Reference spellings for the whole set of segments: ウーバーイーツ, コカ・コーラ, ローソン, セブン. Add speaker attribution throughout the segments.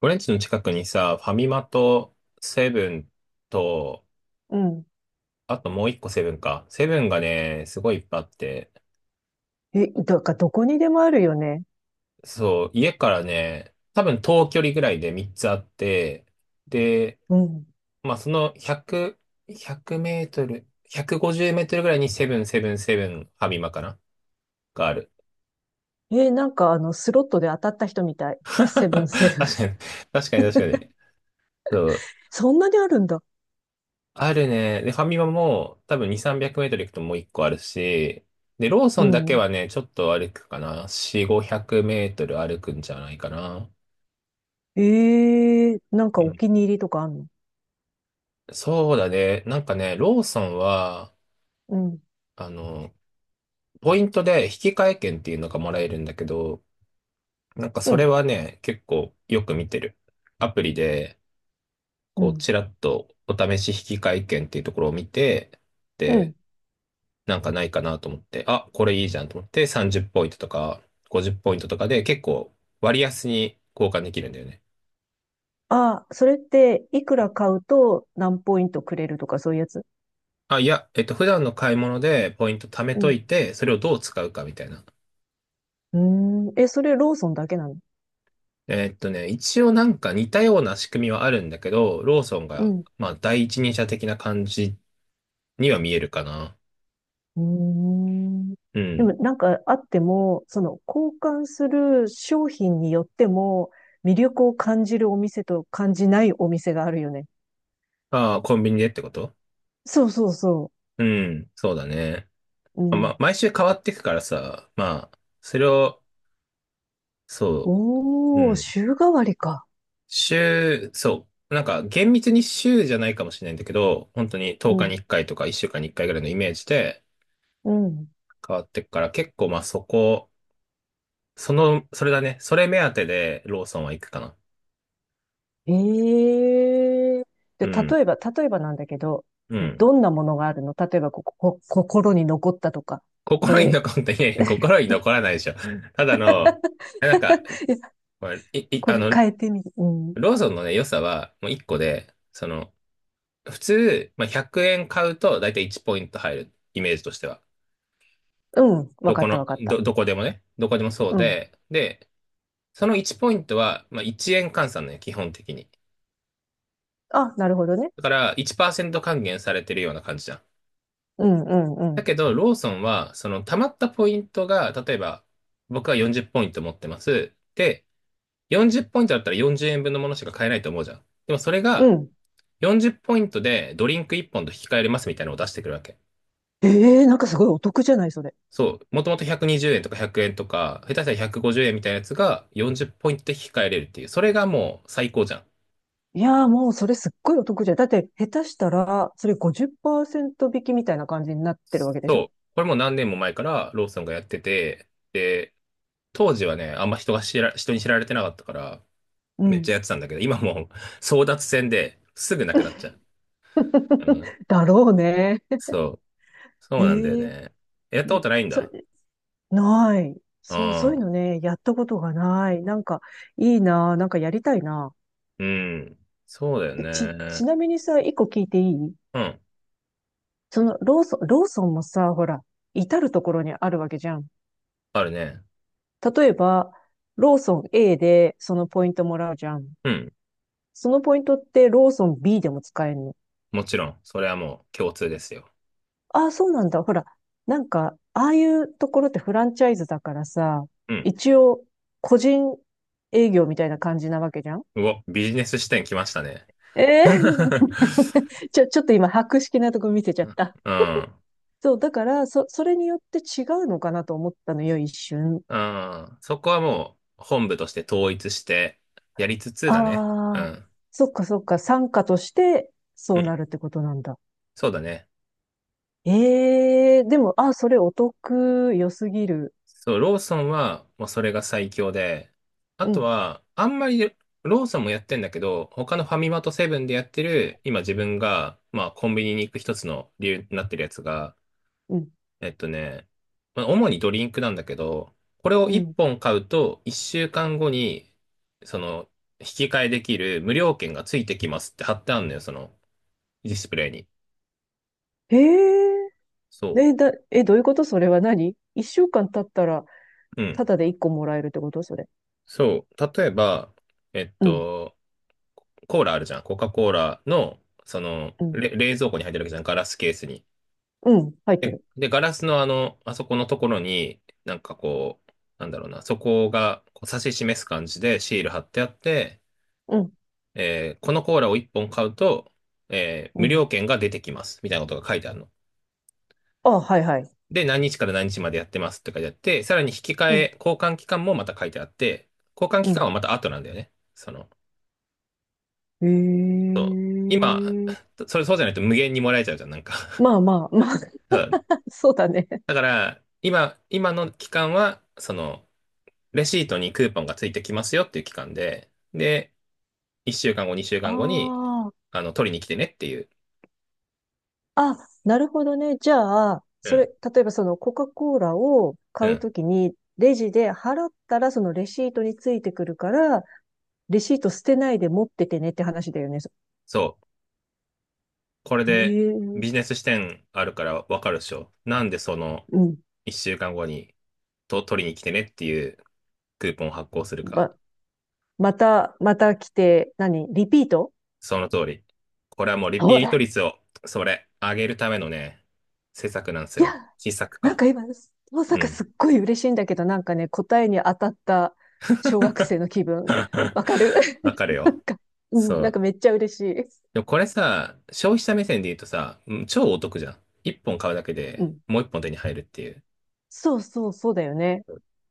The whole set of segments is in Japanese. Speaker 1: 俺んちの近くにさ、ファミマとセブンと、
Speaker 2: うん。
Speaker 1: あともう一個セブンか。セブンがね、すごいいっぱいあって、
Speaker 2: え、だからどこにでもあるよね。
Speaker 1: そう、家からね、多分遠距離ぐらいで3つあって、で、
Speaker 2: うん。
Speaker 1: まあその100、100メートル、150メートルぐらいにセブン、セブン、セブン、ファミマかながある。
Speaker 2: え、なんかスロットで当たった人みたい。セブン、セブン。
Speaker 1: 確か に、確かに確かに。そう
Speaker 2: そんなにあるんだ。
Speaker 1: あるね。で、ファミマも多分2、300メートル行くともう1個あるし、で、ロー
Speaker 2: う
Speaker 1: ソンだけ
Speaker 2: ん。
Speaker 1: はね、ちょっと歩くかな。4、500メートル歩くんじゃないかな。
Speaker 2: ええ、なんか
Speaker 1: う
Speaker 2: お
Speaker 1: ん
Speaker 2: 気に入りとかあんの？
Speaker 1: そうだね。なんかね、ローソンは、
Speaker 2: うん。
Speaker 1: あの、ポイントで引き換え券っていうのがもらえるんだけど、なんか
Speaker 2: う
Speaker 1: それ
Speaker 2: ん。
Speaker 1: はね、結構よく見てる。アプリで、
Speaker 2: う
Speaker 1: こう、
Speaker 2: ん。
Speaker 1: ちらっとお試し引き換え券っていうところを見て、
Speaker 2: う
Speaker 1: で
Speaker 2: ん。
Speaker 1: なんかないかなと思って、あ、これいいじゃんと思って、30ポイントとか50ポイントとかで結構割安に交換できるんだよね。
Speaker 2: あ、それっていくら買うと何ポイントくれるとかそういうやつ？
Speaker 1: あ、いや、普段の買い物でポイント貯め
Speaker 2: う
Speaker 1: と
Speaker 2: ん。
Speaker 1: いて、それをどう使うかみたいな。
Speaker 2: うーん。え、それローソンだけなの？
Speaker 1: 一応なんか似たような仕組みはあるんだけど、ローソン
Speaker 2: う
Speaker 1: が、
Speaker 2: ん。
Speaker 1: まあ、第一人者的な感じには見えるかな。
Speaker 2: うーん。
Speaker 1: う
Speaker 2: で
Speaker 1: ん。
Speaker 2: もなんかあっても、その交換する商品によっても魅力を感じるお店と感じないお店があるよね。
Speaker 1: ああ、コンビニでってこと？
Speaker 2: そうそうそ
Speaker 1: うん、そうだね。
Speaker 2: う。う
Speaker 1: ま
Speaker 2: ん。
Speaker 1: あ、毎週変わっていくからさ、まあ、それを、そう、う
Speaker 2: おー、
Speaker 1: ん。
Speaker 2: 週替わりか。
Speaker 1: 週、そう。なんか厳密に週じゃないかもしれないんだけど、本当に
Speaker 2: う
Speaker 1: 10日
Speaker 2: ん。
Speaker 1: に1回とか1週間に1回ぐらいのイメージで
Speaker 2: うん。
Speaker 1: 変わってくから、結構まあそこ、その、それだね。それ目当てでローソンは行くかな。
Speaker 2: ええ、で、
Speaker 1: うん。
Speaker 2: 例えば、なんだけど、
Speaker 1: うん。
Speaker 2: どんなものがあるの？例えばここ、こ心に残ったとか、こ
Speaker 1: 心に
Speaker 2: れ、
Speaker 1: 残って、いやいや心に残らないでしょ。ただの、なんか、
Speaker 2: いや、
Speaker 1: まあい、い、
Speaker 2: こ
Speaker 1: あ
Speaker 2: れ
Speaker 1: の、
Speaker 2: 変えてみ、うん。
Speaker 1: ローソンのね、良さはもう1個で、その、普通、まあ、100円買うとだいたい1ポイント入る、イメージとしては。
Speaker 2: うん。わかったわかった。
Speaker 1: どこでもね、どこでもそう
Speaker 2: うん。
Speaker 1: で、で、その1ポイントは、まあ、1円換算ね、基本的に。
Speaker 2: あ、なるほどね。
Speaker 1: だから1%還元されてるような感じじゃん。
Speaker 2: うんうんう
Speaker 1: だ
Speaker 2: ん。
Speaker 1: けど、ローソンは、その溜まったポイントが、例えば、僕は40ポイント持ってます。で、40ポイントだったら40円分のものしか買えないと思うじゃん。でもそれ
Speaker 2: う
Speaker 1: が、
Speaker 2: ん。
Speaker 1: 40ポイントでドリンク1本と引き換えれますみたいなのを出してくるわけ。
Speaker 2: ええー、なんかすごいお得じゃない、それ。
Speaker 1: そう。もともと120円とか100円とか、下手したら150円みたいなやつが40ポイントで引き換えれるっていう。それがもう最高じゃん。
Speaker 2: いやー、もうそれすっごいお得じゃん。だって下手したら、それ50%引きみたいな感じになってるわけでしょ？
Speaker 1: そう。これもう何年も前からローソンがやってて、で、当時はね、人に知られてなかったから、
Speaker 2: う
Speaker 1: めっ
Speaker 2: ん。
Speaker 1: ちゃやってたんだけど、今もう 争奪戦ですぐなくなっちゃう。うん。
Speaker 2: だろうね。
Speaker 1: そう。そうなんだよ
Speaker 2: ええ
Speaker 1: ね。やったこ
Speaker 2: ね、
Speaker 1: とないん
Speaker 2: そ
Speaker 1: だ。
Speaker 2: れ、ない。そう、そ
Speaker 1: あ
Speaker 2: ういう
Speaker 1: あ、
Speaker 2: のね、やったことがない。なんか、いいなー、なんかやりたいな。
Speaker 1: うん。そうだよ
Speaker 2: ぁでち、
Speaker 1: ね。
Speaker 2: ちなみにさ、一個聞いていい？
Speaker 1: うん。
Speaker 2: その、ローソンもさ、ほら、至るところにあるわけじゃん。
Speaker 1: あるね。
Speaker 2: 例えば、ローソン A でそのポイントもらうじゃん。
Speaker 1: うん。
Speaker 2: そのポイントってローソン B でも使えるの？
Speaker 1: もちろん。それはもう共通ですよ。
Speaker 2: ああ、そうなんだ。ほら、なんか、ああいうところってフランチャイズだからさ、
Speaker 1: うん。
Speaker 2: 一応、個人営業みたいな感じなわけじゃん。
Speaker 1: うお、ビジネス視点来ましたね。
Speaker 2: ええ ちょっと今、博識なとこ見せちゃった。
Speaker 1: うん。
Speaker 2: そう、だから、それによって違うのかなと思ったのよ、一瞬。
Speaker 1: うん。そこはもう本部として統一してやりつつだね。う
Speaker 2: ああ、
Speaker 1: ん。
Speaker 2: そっかそっか、参加としてそ
Speaker 1: う
Speaker 2: うな
Speaker 1: ん。
Speaker 2: るってことなんだ。
Speaker 1: そうだね。
Speaker 2: ええ、でも、あ、それお得、良すぎる。
Speaker 1: そう、ローソンはもうそれが最強で、あ
Speaker 2: う
Speaker 1: と
Speaker 2: ん、
Speaker 1: は、あんまりローソンもやってんだけど、他のファミマとセブンでやってる、今自分が、まあコンビニに行く一つの理由になってるやつが、
Speaker 2: うん、
Speaker 1: えっとね、まあ、主にドリンクなんだけど、これを
Speaker 2: う
Speaker 1: 1
Speaker 2: ん。
Speaker 1: 本買うと1週間後に、その、引き換えできる無料券がついてきますって貼ってあるのよ、そのディスプレイに。
Speaker 2: ええ
Speaker 1: そ
Speaker 2: え、え、どういうこと？それは何？一週間経ったら、
Speaker 1: う。う
Speaker 2: た
Speaker 1: ん。
Speaker 2: だで一個もらえるってこと、それ？
Speaker 1: そう。例えば、えっ
Speaker 2: うん、
Speaker 1: と、コーラあるじゃん。コカ・コーラの、その、
Speaker 2: うん、
Speaker 1: 冷蔵庫に入ってるわけじゃん。ガラスケースに。
Speaker 2: うん、入って
Speaker 1: で、
Speaker 2: る。
Speaker 1: で、ガラスのあの、あそこのところに、なんかこう、なんだろうな、そこがこう指し示す感じでシール貼ってあって、
Speaker 2: うん、
Speaker 1: このコーラを1本買うと、
Speaker 2: う
Speaker 1: 無
Speaker 2: ん。
Speaker 1: 料券が出てきます。みたいなことが書いてあるの。
Speaker 2: あ、はいはい。
Speaker 1: で、何日から何日までやってますって書いてあって、さらに引き換
Speaker 2: うん、
Speaker 1: え、交換期間もまた書いてあって、交換
Speaker 2: う
Speaker 1: 期間
Speaker 2: ん。
Speaker 1: はまた後なんだよね。その、
Speaker 2: ええ、
Speaker 1: そう今、それそうじゃないと無限にもらえちゃうじゃん、なんか。
Speaker 2: まあまあ、まあ、
Speaker 1: そう
Speaker 2: そうだね。
Speaker 1: だから、今、今の期間は、その、レシートにクーポンがついてきますよっていう期間で、で、1週間後、2週
Speaker 2: あ
Speaker 1: 間後に、
Speaker 2: あ、
Speaker 1: 取りに来てねっていう。
Speaker 2: あ、なるほどね。じゃあ、
Speaker 1: う
Speaker 2: それ、
Speaker 1: ん、
Speaker 2: 例えばそのコカ・コーラを
Speaker 1: う
Speaker 2: 買う
Speaker 1: ん。
Speaker 2: ときに、レジで払ったらそのレシートについてくるから、レシート捨てないで持っててねって話だよね？
Speaker 1: そう。これで、ビ
Speaker 2: え
Speaker 1: ジ
Speaker 2: え、
Speaker 1: ネス視点あるからわかるでしょ。なんでその、
Speaker 2: うん、
Speaker 1: 1週間後に、取りに来てねっていうクーポンを発行するか。
Speaker 2: ままた、また来て、何、リピート？
Speaker 1: その通り。これはもうリ
Speaker 2: ほ
Speaker 1: ピート
Speaker 2: ら。
Speaker 1: 率を、上げるためのね、施策なんです
Speaker 2: い
Speaker 1: よ。
Speaker 2: や、
Speaker 1: 施策
Speaker 2: なん
Speaker 1: か。
Speaker 2: か今、まさ
Speaker 1: う
Speaker 2: かす
Speaker 1: ん。
Speaker 2: っごい嬉しいんだけど、なんかね、答えに当たった小学生の気分。わかる？
Speaker 1: わ かる
Speaker 2: なん
Speaker 1: よ。
Speaker 2: か、う
Speaker 1: そ
Speaker 2: ん、なんか
Speaker 1: う。
Speaker 2: めっちゃ嬉しい。
Speaker 1: でもこれさ、消費者目線で言うとさ、うん超お得じゃん。一本買うだけ
Speaker 2: う
Speaker 1: で
Speaker 2: ん。
Speaker 1: もう一本手に入るっていう。
Speaker 2: そうそう、そうだよね。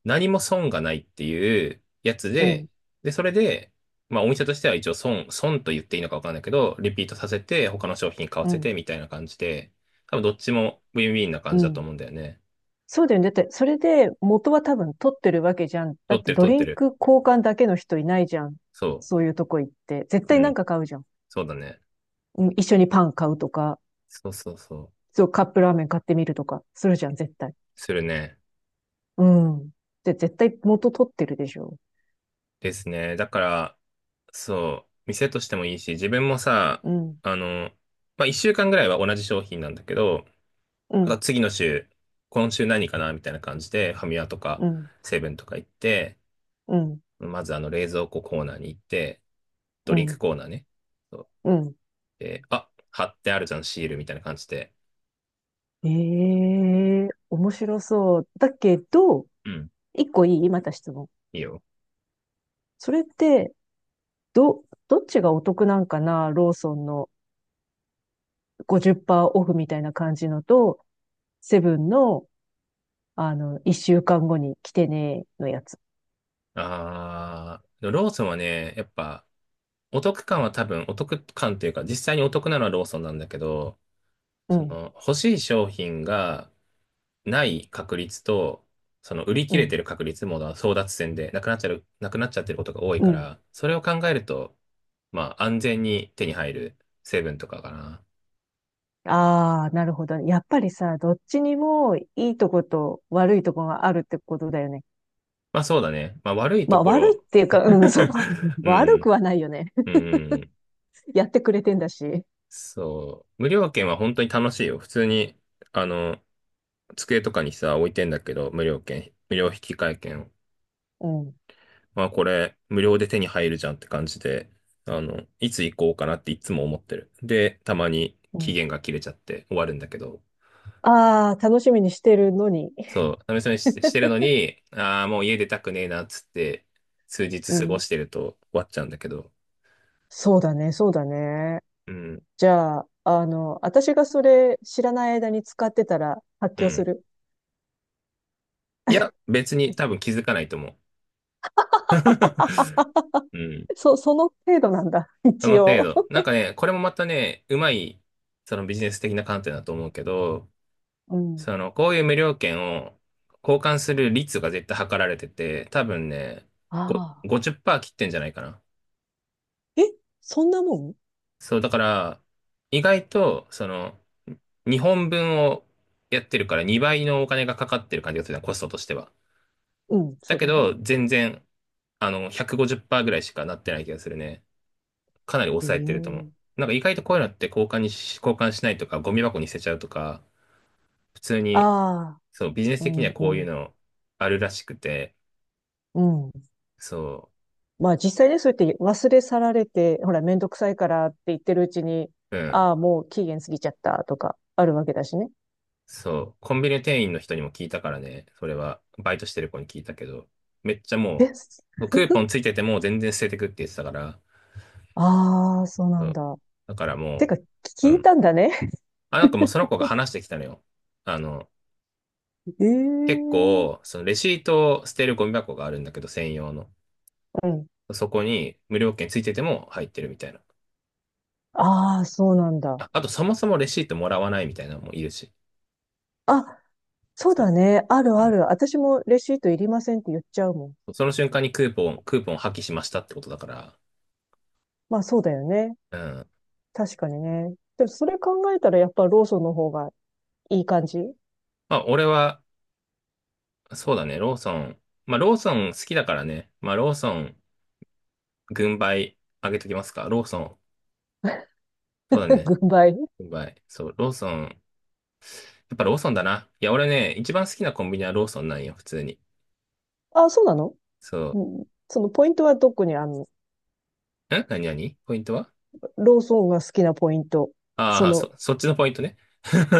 Speaker 1: 何も損がないっていうやつ
Speaker 2: うん、
Speaker 1: で、で、それで、まあお店としては一応損、損と言っていいのかわかんないけど、リピートさせて、他の商品買わ
Speaker 2: う
Speaker 1: せ
Speaker 2: ん、
Speaker 1: てみたいな感じで、多分どっちもウィンウィンな感
Speaker 2: う
Speaker 1: じだと
Speaker 2: ん。
Speaker 1: 思うんだよね。
Speaker 2: そうだよね。だって、それで元は多分取ってるわけじゃん。だ
Speaker 1: 取
Speaker 2: っ
Speaker 1: って
Speaker 2: て
Speaker 1: る
Speaker 2: ド
Speaker 1: 取っ
Speaker 2: リ
Speaker 1: て
Speaker 2: ン
Speaker 1: る。
Speaker 2: ク交換だけの人いないじゃん。
Speaker 1: そ
Speaker 2: そういうとこ行って、絶
Speaker 1: う。う
Speaker 2: 対なん
Speaker 1: ん。
Speaker 2: か買うじゃん。
Speaker 1: そうだね。
Speaker 2: うん、一緒にパン買うとか。
Speaker 1: そうそうそう。
Speaker 2: そう、カップラーメン買ってみるとか、するじゃん、絶対。
Speaker 1: するね。
Speaker 2: うん。で、絶対元取ってるでしょ。
Speaker 1: ですね。だから、そう、店としてもいいし、自分もさ、
Speaker 2: うん、
Speaker 1: あの、まあ、一週間ぐらいは同じ商品なんだけど、
Speaker 2: う
Speaker 1: ま
Speaker 2: ん、
Speaker 1: た次の週、今週何かなみたいな感じで、ファミマとか、
Speaker 2: うん、
Speaker 1: セブンとか行って、
Speaker 2: うん、
Speaker 1: まず冷蔵庫コーナーに行って、ド
Speaker 2: う
Speaker 1: リンク
Speaker 2: ん、
Speaker 1: コーナーね。そう
Speaker 2: うん。
Speaker 1: で、あ、貼ってあるじゃん、シールみたいな感じで。
Speaker 2: ええ、面白そう。だけど、
Speaker 1: うん。
Speaker 2: 一個いい、また質問。
Speaker 1: いいよ。
Speaker 2: それって、どっちがお得なんかな、ローソンの50%オフみたいな感じのと、セブンの、あの、一週間後に来てねのやつ。
Speaker 1: あー、でもローソンはね、やっぱ、お得感というか、実際にお得なのはローソンなんだけど、
Speaker 2: う
Speaker 1: そ
Speaker 2: ん、
Speaker 1: の、欲しい商品がない確率と、その、売り切
Speaker 2: う
Speaker 1: れて
Speaker 2: ん、
Speaker 1: る確率も争奪戦で、なくなっちゃってることが多い
Speaker 2: う
Speaker 1: か
Speaker 2: ん、
Speaker 1: ら、それを考えると、まあ、安全に手に入るセブンとかかな。
Speaker 2: ああ、なるほどね。やっぱりさ、どっちにもいいとこと悪いとこがあるってことだよね。
Speaker 1: まあ、そうだね。まあ、悪い
Speaker 2: ま
Speaker 1: と
Speaker 2: あ、
Speaker 1: こ
Speaker 2: 悪いっ
Speaker 1: ろ。
Speaker 2: ていうか、うん、そう だ。
Speaker 1: う
Speaker 2: 悪く
Speaker 1: ん、
Speaker 2: はないよね。
Speaker 1: う ん、
Speaker 2: やってくれてんだし。
Speaker 1: そう。無料券は本当に楽しいよ。普通に、あの、机とかにさ、置いてんだけど、無料引換券を。
Speaker 2: うん、
Speaker 1: まあこれ無料で手に入るじゃんって感じで、いつ行こうかなっていつも思ってる。で、たまに
Speaker 2: う
Speaker 1: 期
Speaker 2: ん。
Speaker 1: 限が切れちゃって終わるんだけど、
Speaker 2: ああ、楽しみにしてるのに。
Speaker 1: そう、試しにししてるのに、ああ、もう家出たくねえなっつって、数日
Speaker 2: う
Speaker 1: 過ご
Speaker 2: ん。
Speaker 1: してると終わっちゃうんだけど、
Speaker 2: そうだね、そうだね。
Speaker 1: うん、
Speaker 2: じゃあ、あの、私がそれ知らない間に使ってたら発
Speaker 1: う
Speaker 2: 狂す
Speaker 1: ん。
Speaker 2: る。
Speaker 1: いや、別に多分 気づかないと思う。うん。
Speaker 2: その程度なんだ。
Speaker 1: そ
Speaker 2: 一
Speaker 1: の程
Speaker 2: 応。
Speaker 1: 度。なんかね、これもまたね、うまい、そのビジネス的な観点だと思うけど、
Speaker 2: うん。
Speaker 1: その、こういう無料券を交換する率が絶対測られてて、多分ね、
Speaker 2: ああ。
Speaker 1: 50%切ってんじゃないかな。
Speaker 2: え、そんなもん？
Speaker 1: そう、だから、意外と、その、2本分をやってるから2倍のお金がかかってる感じがするな、コストとしては。
Speaker 2: うん、
Speaker 1: だ
Speaker 2: そう
Speaker 1: け
Speaker 2: だね。
Speaker 1: ど、全然、150%ぐらいしかなってない気がするね。かなり
Speaker 2: へ
Speaker 1: 抑えてると思う。
Speaker 2: え。
Speaker 1: なんか意外とこういうのって交換しないとか、ゴミ箱に捨てちゃうとか、普通に、
Speaker 2: ああ。
Speaker 1: そう、ビジネス
Speaker 2: う
Speaker 1: 的に
Speaker 2: ん
Speaker 1: は
Speaker 2: う
Speaker 1: こういう
Speaker 2: ん。
Speaker 1: のあるらしくて、
Speaker 2: うん。
Speaker 1: そう。
Speaker 2: まあ実際ね、そうやって忘れ去られて、ほら、めんどくさいからって言ってるうちに、
Speaker 1: うん。
Speaker 2: ああ、もう期限過ぎちゃったとか、あるわけだしね。
Speaker 1: そう。コンビニ店員の人にも聞いたからね。それは、バイトしてる子に聞いたけど、めっちゃも
Speaker 2: え、
Speaker 1: う、クーポンついてても全然捨ててくって言ってたから、
Speaker 2: ああ、そうな
Speaker 1: う
Speaker 2: ん
Speaker 1: ん。
Speaker 2: だ。
Speaker 1: だから
Speaker 2: て
Speaker 1: も
Speaker 2: か、
Speaker 1: う、
Speaker 2: 聞
Speaker 1: う
Speaker 2: い
Speaker 1: ん。
Speaker 2: たんだね。
Speaker 1: あ、なんかもうその子が話してきたのよ。あの、
Speaker 2: え
Speaker 1: 結
Speaker 2: え、う
Speaker 1: 構、そのレシートを捨てるゴミ箱があるんだけど、専用の。
Speaker 2: ん。
Speaker 1: そこに無料券ついてても入ってるみたいな。
Speaker 2: ああ、そうなんだ。
Speaker 1: あ、あとそもそもレシートもらわないみたいなのもいるし。
Speaker 2: あ、そう
Speaker 1: そ
Speaker 2: だ
Speaker 1: う。
Speaker 2: ね。ある
Speaker 1: う
Speaker 2: あ
Speaker 1: ん。
Speaker 2: る。私もレシートいりませんって言っちゃうもん。
Speaker 1: その瞬間にクーポン破棄しましたってことだから、
Speaker 2: まあそうだよね。
Speaker 1: うん。
Speaker 2: 確かにね。でもそれ考えたらやっぱローソンの方がいい感じ？
Speaker 1: まあ、俺は、そうだね、ローソン。まあ、ローソン好きだからね。まあ、ローソン、軍配あげときますか。ローソン。そうだ ね。
Speaker 2: 軍配。
Speaker 1: 軍配。そう、ローソン。やっぱローソンだな。いや、俺ね、一番好きなコンビニはローソンなんよ、普通に。
Speaker 2: あ、そうなの？
Speaker 1: そ
Speaker 2: うん。そのポイントはどこにあるの？
Speaker 1: う。何何ポイントは？
Speaker 2: ローソンが好きなポイント。
Speaker 1: あ
Speaker 2: そ
Speaker 1: あー、
Speaker 2: の、
Speaker 1: そっちのポイントね。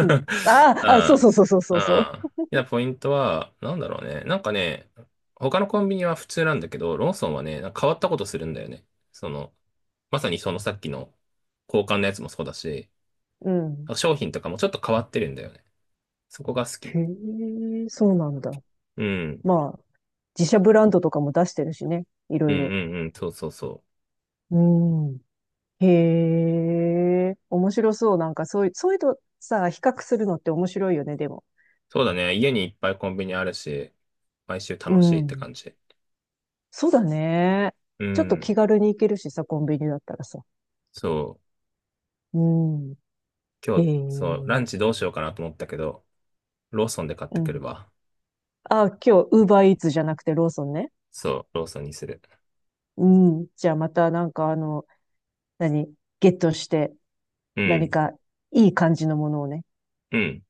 Speaker 2: うん。ああ、あ、そう
Speaker 1: あ
Speaker 2: そうそうそうそうそ
Speaker 1: あ、いや、ポイントは、なんだろうね。なんかね、他のコンビニは普通なんだけど、ローソンはね、なんか変わったことするんだよね。その、まさにそのさっきの交換のやつもそうだし、
Speaker 2: う。うん。
Speaker 1: 商品とかもちょっと変わってるんだよね。そこが好き。
Speaker 2: へえ、そうなんだ。
Speaker 1: うん。
Speaker 2: まあ、自社ブランドとかも出してるしね。い
Speaker 1: う
Speaker 2: ろ
Speaker 1: ん
Speaker 2: いろ。
Speaker 1: うんうん。そうそうそう。
Speaker 2: うん。へえ、面白そう。なんかそういうとさ、比較するのって面白いよね、でも。
Speaker 1: そうだね。家にいっぱいコンビニあるし、毎週
Speaker 2: う
Speaker 1: 楽しいって
Speaker 2: ん。
Speaker 1: 感じ。
Speaker 2: そうだね。
Speaker 1: う
Speaker 2: ちょっと
Speaker 1: ん。
Speaker 2: 気軽に行けるしさ、コンビニだったらさ。
Speaker 1: そう。
Speaker 2: うん。へ
Speaker 1: 今日、そう、ラン
Speaker 2: え。
Speaker 1: チどうしようかなと思ったけど、ローソンで買っ
Speaker 2: う
Speaker 1: てく
Speaker 2: ん。
Speaker 1: るわ。
Speaker 2: あ、今日、ウーバーイーツじゃなくてローソンね。
Speaker 1: そう、ローソンにする。
Speaker 2: うん。じゃあまたなんかあの、何、ゲットして、
Speaker 1: う
Speaker 2: 何
Speaker 1: ん。
Speaker 2: か、いい感じのものをね。
Speaker 1: うん。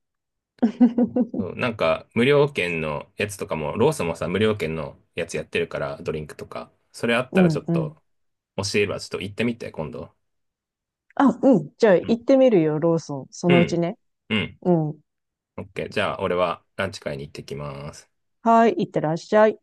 Speaker 1: そう、なんか、無料券のやつとかも、ローソンもさ、無料券のやつやってるから、ドリンクとか。それあっ
Speaker 2: う
Speaker 1: たらちょ
Speaker 2: ん、
Speaker 1: っ
Speaker 2: うん。
Speaker 1: と、教えればちょっと行ってみて、今度。
Speaker 2: あ、うん。じゃあ
Speaker 1: う
Speaker 2: 行っ
Speaker 1: ん。
Speaker 2: てみるよ、ローソン。そ
Speaker 1: う
Speaker 2: のうち
Speaker 1: ん。
Speaker 2: ね。
Speaker 1: うん
Speaker 2: うん。
Speaker 1: OK。じゃあ、俺はランチ会に行ってきます。
Speaker 2: はい、行ってらっしゃい。